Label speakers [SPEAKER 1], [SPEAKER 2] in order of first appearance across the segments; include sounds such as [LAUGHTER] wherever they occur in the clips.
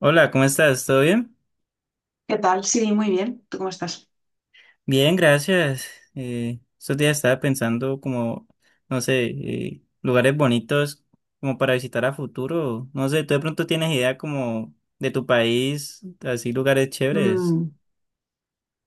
[SPEAKER 1] Hola, ¿cómo estás? ¿Todo bien?
[SPEAKER 2] ¿Qué tal? Sí, muy bien. ¿Tú cómo estás?
[SPEAKER 1] Bien, gracias. Estos días estaba pensando como, no sé, lugares bonitos como para visitar a futuro. No sé, ¿tú de pronto tienes idea como de tu país, así lugares chéveres?
[SPEAKER 2] Mm,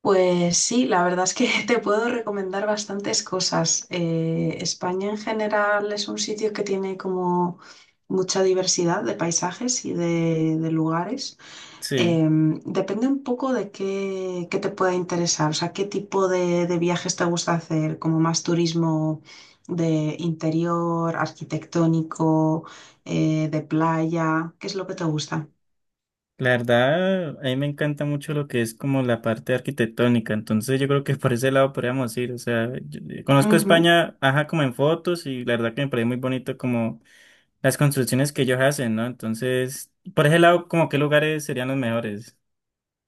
[SPEAKER 2] pues sí, la verdad es que [LAUGHS] te puedo recomendar bastantes cosas. España en general es un sitio que tiene como mucha diversidad de paisajes y de lugares.
[SPEAKER 1] Sí,
[SPEAKER 2] Depende un poco de qué te pueda interesar, o sea, qué tipo de viajes te gusta hacer, como más turismo de interior, arquitectónico, de playa, ¿qué es lo que te gusta?
[SPEAKER 1] la verdad, a mí me encanta mucho lo que es como la parte arquitectónica, entonces yo creo que [LAUGHS] por ese lado podríamos ir. O sea, conozco España, ajá, como en fotos y la verdad que me parece muy bonito como las construcciones que ellos hacen, ¿no? Entonces, por ese lado, como qué lugares serían los mejores.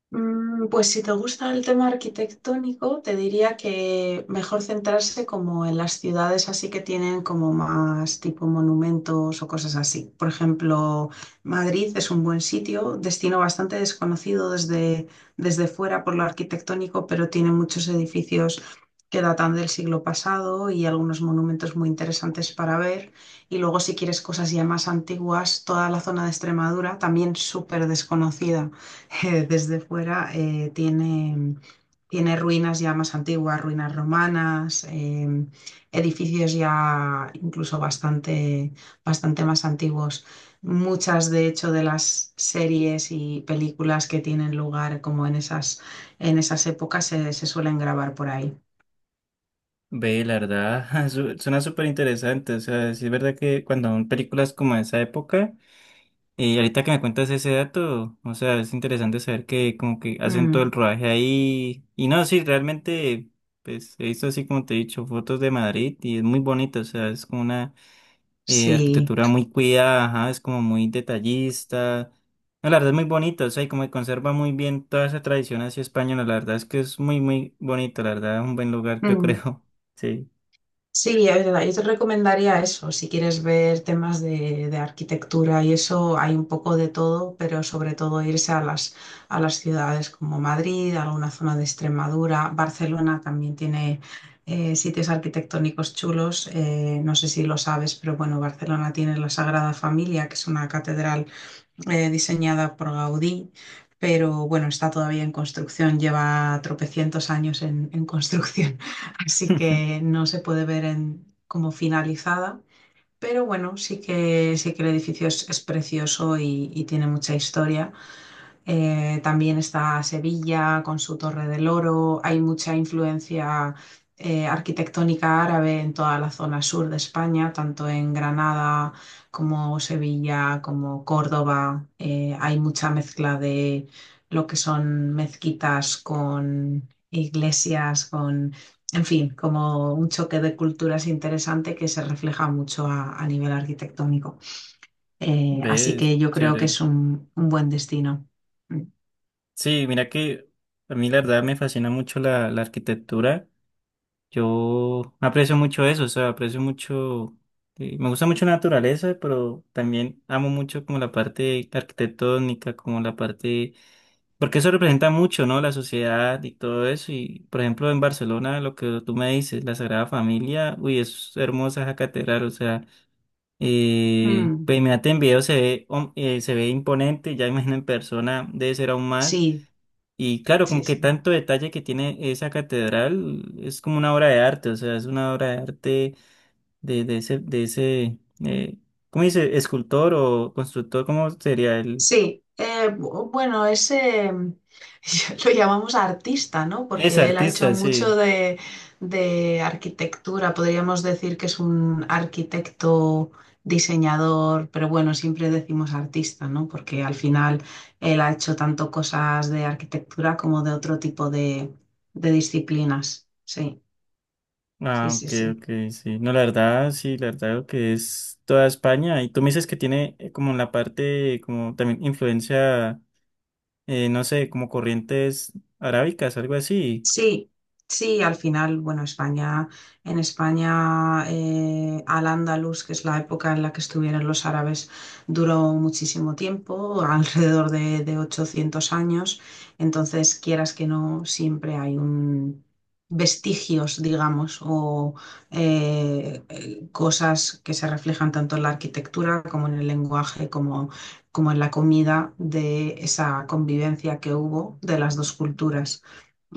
[SPEAKER 2] Mm, pues si te gusta el tema arquitectónico, te diría que mejor centrarse como en las ciudades así que tienen como más tipo monumentos o cosas así. Por ejemplo, Madrid es un buen sitio, destino bastante desconocido desde fuera por lo arquitectónico, pero tiene muchos edificios que datan del siglo pasado y algunos monumentos muy interesantes para ver. Y luego si quieres cosas ya más antiguas, toda la zona de Extremadura también súper desconocida. [LAUGHS] Desde fuera, tiene ruinas ya más antiguas, ruinas romanas, edificios ya incluso bastante más antiguos. Muchas, de hecho, de las series y películas que tienen lugar como en en esas épocas se suelen grabar por ahí.
[SPEAKER 1] Ve, la verdad, [LAUGHS] suena súper interesante. O sea, sí es verdad que cuando son películas como de esa época, y ahorita que me cuentas ese dato, o sea, es interesante saber que como que hacen todo el
[SPEAKER 2] Mm,
[SPEAKER 1] rodaje ahí. Y no, sí, realmente, pues he visto así como te he dicho, fotos de Madrid y es muy bonito, o sea, es como una
[SPEAKER 2] sí.
[SPEAKER 1] arquitectura muy cuidada, ajá, es como muy detallista. No, la verdad es muy bonito, o sea, y como que conserva muy bien toda esa tradición así española, la verdad es que es muy, muy bonito, la verdad, es un buen lugar, yo
[SPEAKER 2] Mm.
[SPEAKER 1] creo. [LAUGHS] Sí.
[SPEAKER 2] Sí, es verdad, yo te recomendaría eso, si quieres ver temas de arquitectura y eso, hay un poco de todo, pero sobre todo irse a a las ciudades como Madrid, alguna zona de Extremadura, Barcelona también tiene sitios arquitectónicos chulos, no sé si lo sabes, pero bueno, Barcelona tiene la Sagrada Familia, que es una catedral diseñada por Gaudí, pero bueno, está todavía en construcción, lleva tropecientos años en construcción, [LAUGHS] así que
[SPEAKER 1] [LAUGHS]
[SPEAKER 2] no se puede ver como finalizada. Pero bueno, sí que el edificio es precioso y tiene mucha historia. También está Sevilla con su Torre del Oro. Hay mucha influencia arquitectónica árabe en toda la zona sur de España, tanto en Granada como Sevilla, como Córdoba. Hay mucha mezcla de lo que son mezquitas con iglesias, con, en fin, como un choque de culturas interesante que se refleja mucho a nivel arquitectónico. Así
[SPEAKER 1] ¿Ves?
[SPEAKER 2] que yo creo que es
[SPEAKER 1] Chévere.
[SPEAKER 2] un buen destino. Mm.
[SPEAKER 1] Sí, mira que a mí la verdad me fascina mucho la arquitectura. Yo aprecio mucho eso, o sea, aprecio mucho, me gusta mucho la naturaleza, pero también amo mucho como la parte arquitectónica, como la parte, porque eso representa mucho, ¿no? La sociedad y todo eso. Y, por ejemplo, en Barcelona, lo que tú me dices, la Sagrada Familia, uy, es hermosa esa catedral, o sea,
[SPEAKER 2] Mm,
[SPEAKER 1] pues imagínate en video se ve, se ve imponente, ya imagino en persona debe ser aún más.
[SPEAKER 2] sí,
[SPEAKER 1] Y claro, como
[SPEAKER 2] sí,
[SPEAKER 1] que
[SPEAKER 2] sí.
[SPEAKER 1] tanto detalle que tiene esa catedral es como una obra de arte, o sea, es una obra de arte de ese eh, ¿cómo dice? Escultor o constructor, ¿cómo sería el?
[SPEAKER 2] Sí, bueno, ese [LAUGHS] lo llamamos artista, ¿no?
[SPEAKER 1] Es
[SPEAKER 2] Porque él ha hecho
[SPEAKER 1] artista,
[SPEAKER 2] mucho
[SPEAKER 1] sí.
[SPEAKER 2] de arquitectura, podríamos decir que es un arquitecto, diseñador, pero bueno, siempre decimos artista, ¿no? Porque al final él ha hecho tanto cosas de arquitectura como de otro tipo de disciplinas. Sí, sí,
[SPEAKER 1] Ah,
[SPEAKER 2] sí,
[SPEAKER 1] ok,
[SPEAKER 2] sí.
[SPEAKER 1] ok, sí. No, la verdad, sí, la verdad lo que es toda España. Y tú me dices que tiene como la parte, como también influencia, no sé, como corrientes arábicas, algo así.
[SPEAKER 2] Sí, sí, al final, bueno, en España, Al-Ándalus, que es la época en la que estuvieron los árabes, duró muchísimo tiempo, [LAUGHS] alrededor de 800 años. Entonces, quieras que no, siempre hay un vestigios, digamos, o cosas que se reflejan tanto en la arquitectura como en el lenguaje, como, como en la comida de esa convivencia que hubo de las dos culturas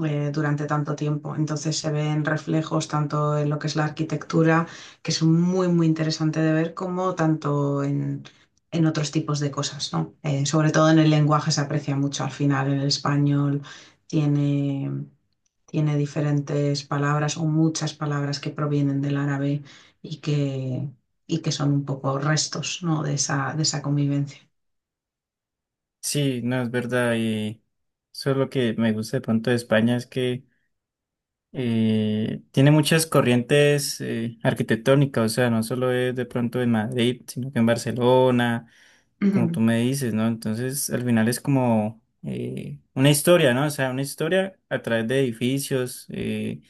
[SPEAKER 2] durante tanto tiempo. Entonces se ven reflejos tanto en lo que es la arquitectura, que es muy, muy interesante de ver, como tanto en otros tipos de cosas, ¿no? Sobre todo en el lenguaje se aprecia mucho. Al final el español tiene, tiene diferentes palabras o muchas palabras que provienen del árabe y que, y que son un poco restos, ¿no? de de esa convivencia.
[SPEAKER 1] Sí, no, es verdad. Y eso es lo que me gusta de pronto de España, es que tiene muchas corrientes arquitectónicas, o sea, no solo es de pronto en Madrid, sino que en Barcelona,
[SPEAKER 2] [CLEARS THROAT]
[SPEAKER 1] como tú
[SPEAKER 2] Ujú.
[SPEAKER 1] me dices, ¿no? Entonces, al final es como una historia, ¿no? O sea, una historia a través de edificios.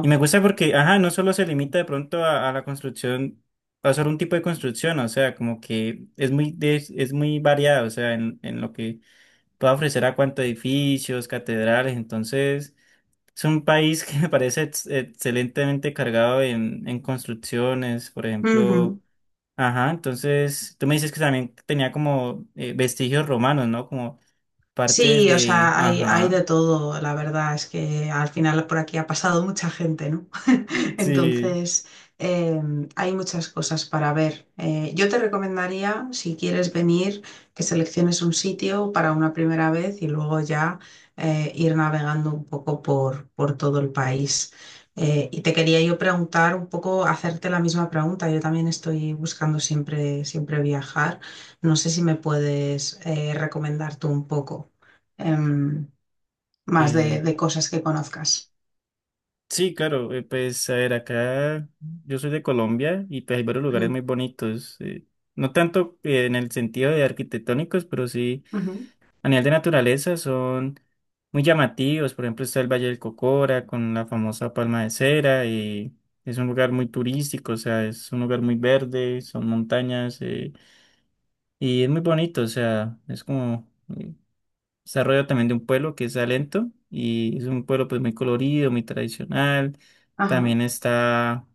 [SPEAKER 1] Y me gusta porque, ajá, no solo se limita de pronto a la construcción, a solo un tipo de construcción, o sea, como que es muy, es muy variado, o sea, en lo que puede ofrecer a cuántos edificios, catedrales, entonces... Es un país que me parece excelentemente cargado en construcciones, por ejemplo.
[SPEAKER 2] Ujú.
[SPEAKER 1] Ajá, entonces tú me dices que también tenía como vestigios romanos, ¿no? Como partes
[SPEAKER 2] Sí, o
[SPEAKER 1] de...
[SPEAKER 2] sea, hay de
[SPEAKER 1] Ajá,
[SPEAKER 2] todo, la verdad es que al final por aquí ha pasado mucha gente, ¿no? [LAUGHS]
[SPEAKER 1] sí.
[SPEAKER 2] Entonces, eh, hay muchas cosas para ver. Yo te recomendaría, si quieres venir, que selecciones un sitio para una primera vez y luego ya ir navegando un poco por todo el país. Y te quería yo preguntar un poco, hacerte la misma pregunta. Yo también estoy buscando siempre viajar. No sé si me puedes recomendar tú un poco em, más
[SPEAKER 1] eh,
[SPEAKER 2] de cosas que conozcas.
[SPEAKER 1] sí, claro, pues a ver, acá yo soy de Colombia y pues hay varios lugares
[SPEAKER 2] Ujú,
[SPEAKER 1] muy bonitos. No tanto en el sentido de arquitectónicos, pero sí.
[SPEAKER 2] ujú.
[SPEAKER 1] A nivel de naturaleza son muy llamativos. Por ejemplo, está el Valle del Cocora con la famosa palma de cera y es un lugar muy turístico, o sea, es un lugar muy verde, son montañas y es muy bonito, o sea, es como eh, desarrollo también de un pueblo que es Salento y es un pueblo pues muy colorido, muy tradicional.
[SPEAKER 2] Ajá.
[SPEAKER 1] También está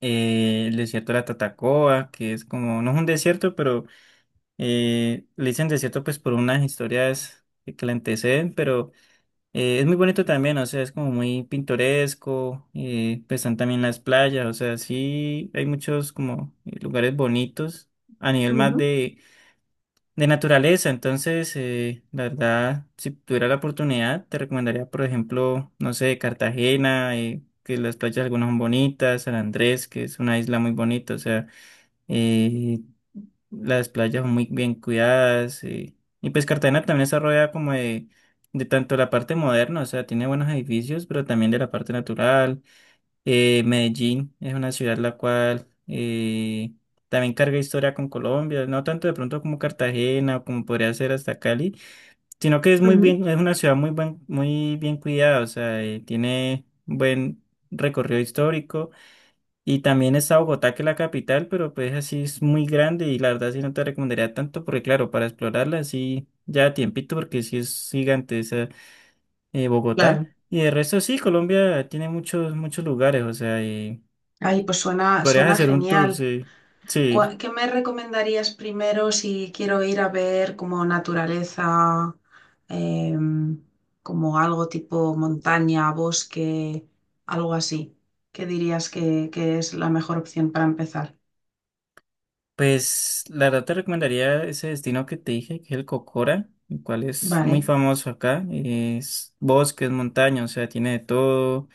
[SPEAKER 1] el desierto de la Tatacoa, que es como, no es un desierto, pero le dicen desierto pues por unas historias que la anteceden, pero... es muy bonito también, o sea, es como muy pintoresco, pues están también las playas, o sea, sí hay muchos como lugares bonitos a nivel más
[SPEAKER 2] Ujú,
[SPEAKER 1] de naturaleza, entonces, la verdad, si tuviera la oportunidad, te recomendaría, por ejemplo, no sé, Cartagena, que las playas algunas son bonitas, San Andrés, que es una isla muy bonita, o sea y las playas son muy bien cuidadas. Y pues Cartagena también está rodeada como de tanto la parte moderna, o sea, tiene buenos edificios, pero también de la parte natural. Medellín es una ciudad la cual también carga historia con Colombia, no tanto de pronto como Cartagena o como podría ser hasta Cali, sino que es muy
[SPEAKER 2] ujú.
[SPEAKER 1] bien, es una ciudad muy bien cuidada, o sea, tiene buen recorrido histórico. Y también está Bogotá, que es la capital, pero pues así es muy grande y la verdad sí no te recomendaría tanto porque claro, para explorarla sí ya a tiempito porque sí es gigante esa Bogotá.
[SPEAKER 2] Claro.
[SPEAKER 1] Y de resto sí, Colombia tiene muchos, muchos lugares, o sea, y
[SPEAKER 2] Ay, pues
[SPEAKER 1] podrías
[SPEAKER 2] suena
[SPEAKER 1] hacer un tour,
[SPEAKER 2] genial.
[SPEAKER 1] sí. Sí,
[SPEAKER 2] ¿Qué me recomendarías primero si quiero ir a ver como naturaleza, em, como algo tipo montaña, bosque, algo así? ¿Qué dirías que es la mejor opción para empezar?
[SPEAKER 1] pues la verdad te recomendaría ese destino que te dije, que es el Cocora, el cual es muy
[SPEAKER 2] Vale.
[SPEAKER 1] famoso acá, es bosques, montañas, o sea, tiene de todo.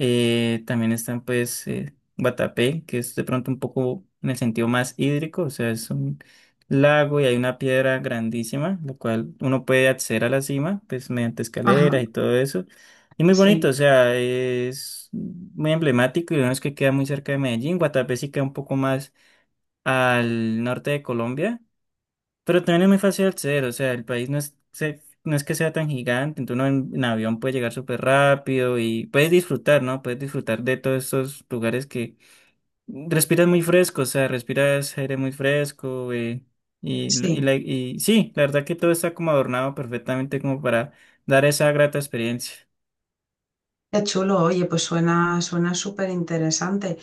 [SPEAKER 1] También están pues Guatapé, que es de pronto un poco en el sentido más hídrico, o sea, es un lago y hay una piedra grandísima, la cual uno puede acceder a la cima, pues mediante escaleras
[SPEAKER 2] Ajá.
[SPEAKER 1] y todo eso. Y muy bonito, o
[SPEAKER 2] Sí.
[SPEAKER 1] sea, es muy emblemático y lo bueno es que queda muy cerca de Medellín. Guatapé sí queda un poco más al norte de Colombia, pero también es muy fácil acceder, o sea, el país no es, no es que sea tan gigante, entonces uno en avión puede llegar súper rápido y puedes disfrutar, ¿no? Puedes disfrutar de todos estos lugares que respiras muy fresco, o sea, respiras aire muy fresco, y, y,
[SPEAKER 2] Sí.
[SPEAKER 1] la- y sí, la verdad que todo está como adornado perfectamente como para dar esa grata experiencia.
[SPEAKER 2] Qué chulo, oye, pues suena súper interesante.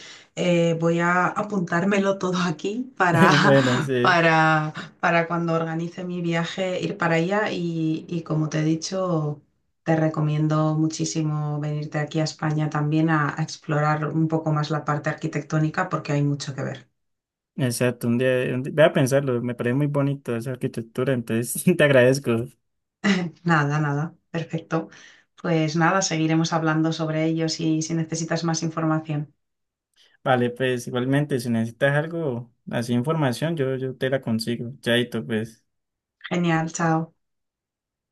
[SPEAKER 2] Voy a apuntármelo todo aquí para,
[SPEAKER 1] [LAUGHS] Bueno,
[SPEAKER 2] [LAUGHS]
[SPEAKER 1] sí.
[SPEAKER 2] para, para cuando organice mi viaje ir para allá y como te he dicho, te recomiendo muchísimo venirte aquí a España también a explorar un poco más la parte arquitectónica porque hay mucho que ver.
[SPEAKER 1] Exacto, un día, voy a pensarlo, me parece muy bonito esa arquitectura, entonces [LAUGHS] te agradezco.
[SPEAKER 2] Nada, nada, perfecto. Pues nada, seguiremos hablando sobre ello si necesitas más información.
[SPEAKER 1] Vale, pues igualmente, si necesitas algo, así información, yo te la consigo. Chaito, pues.
[SPEAKER 2] Genial, chao.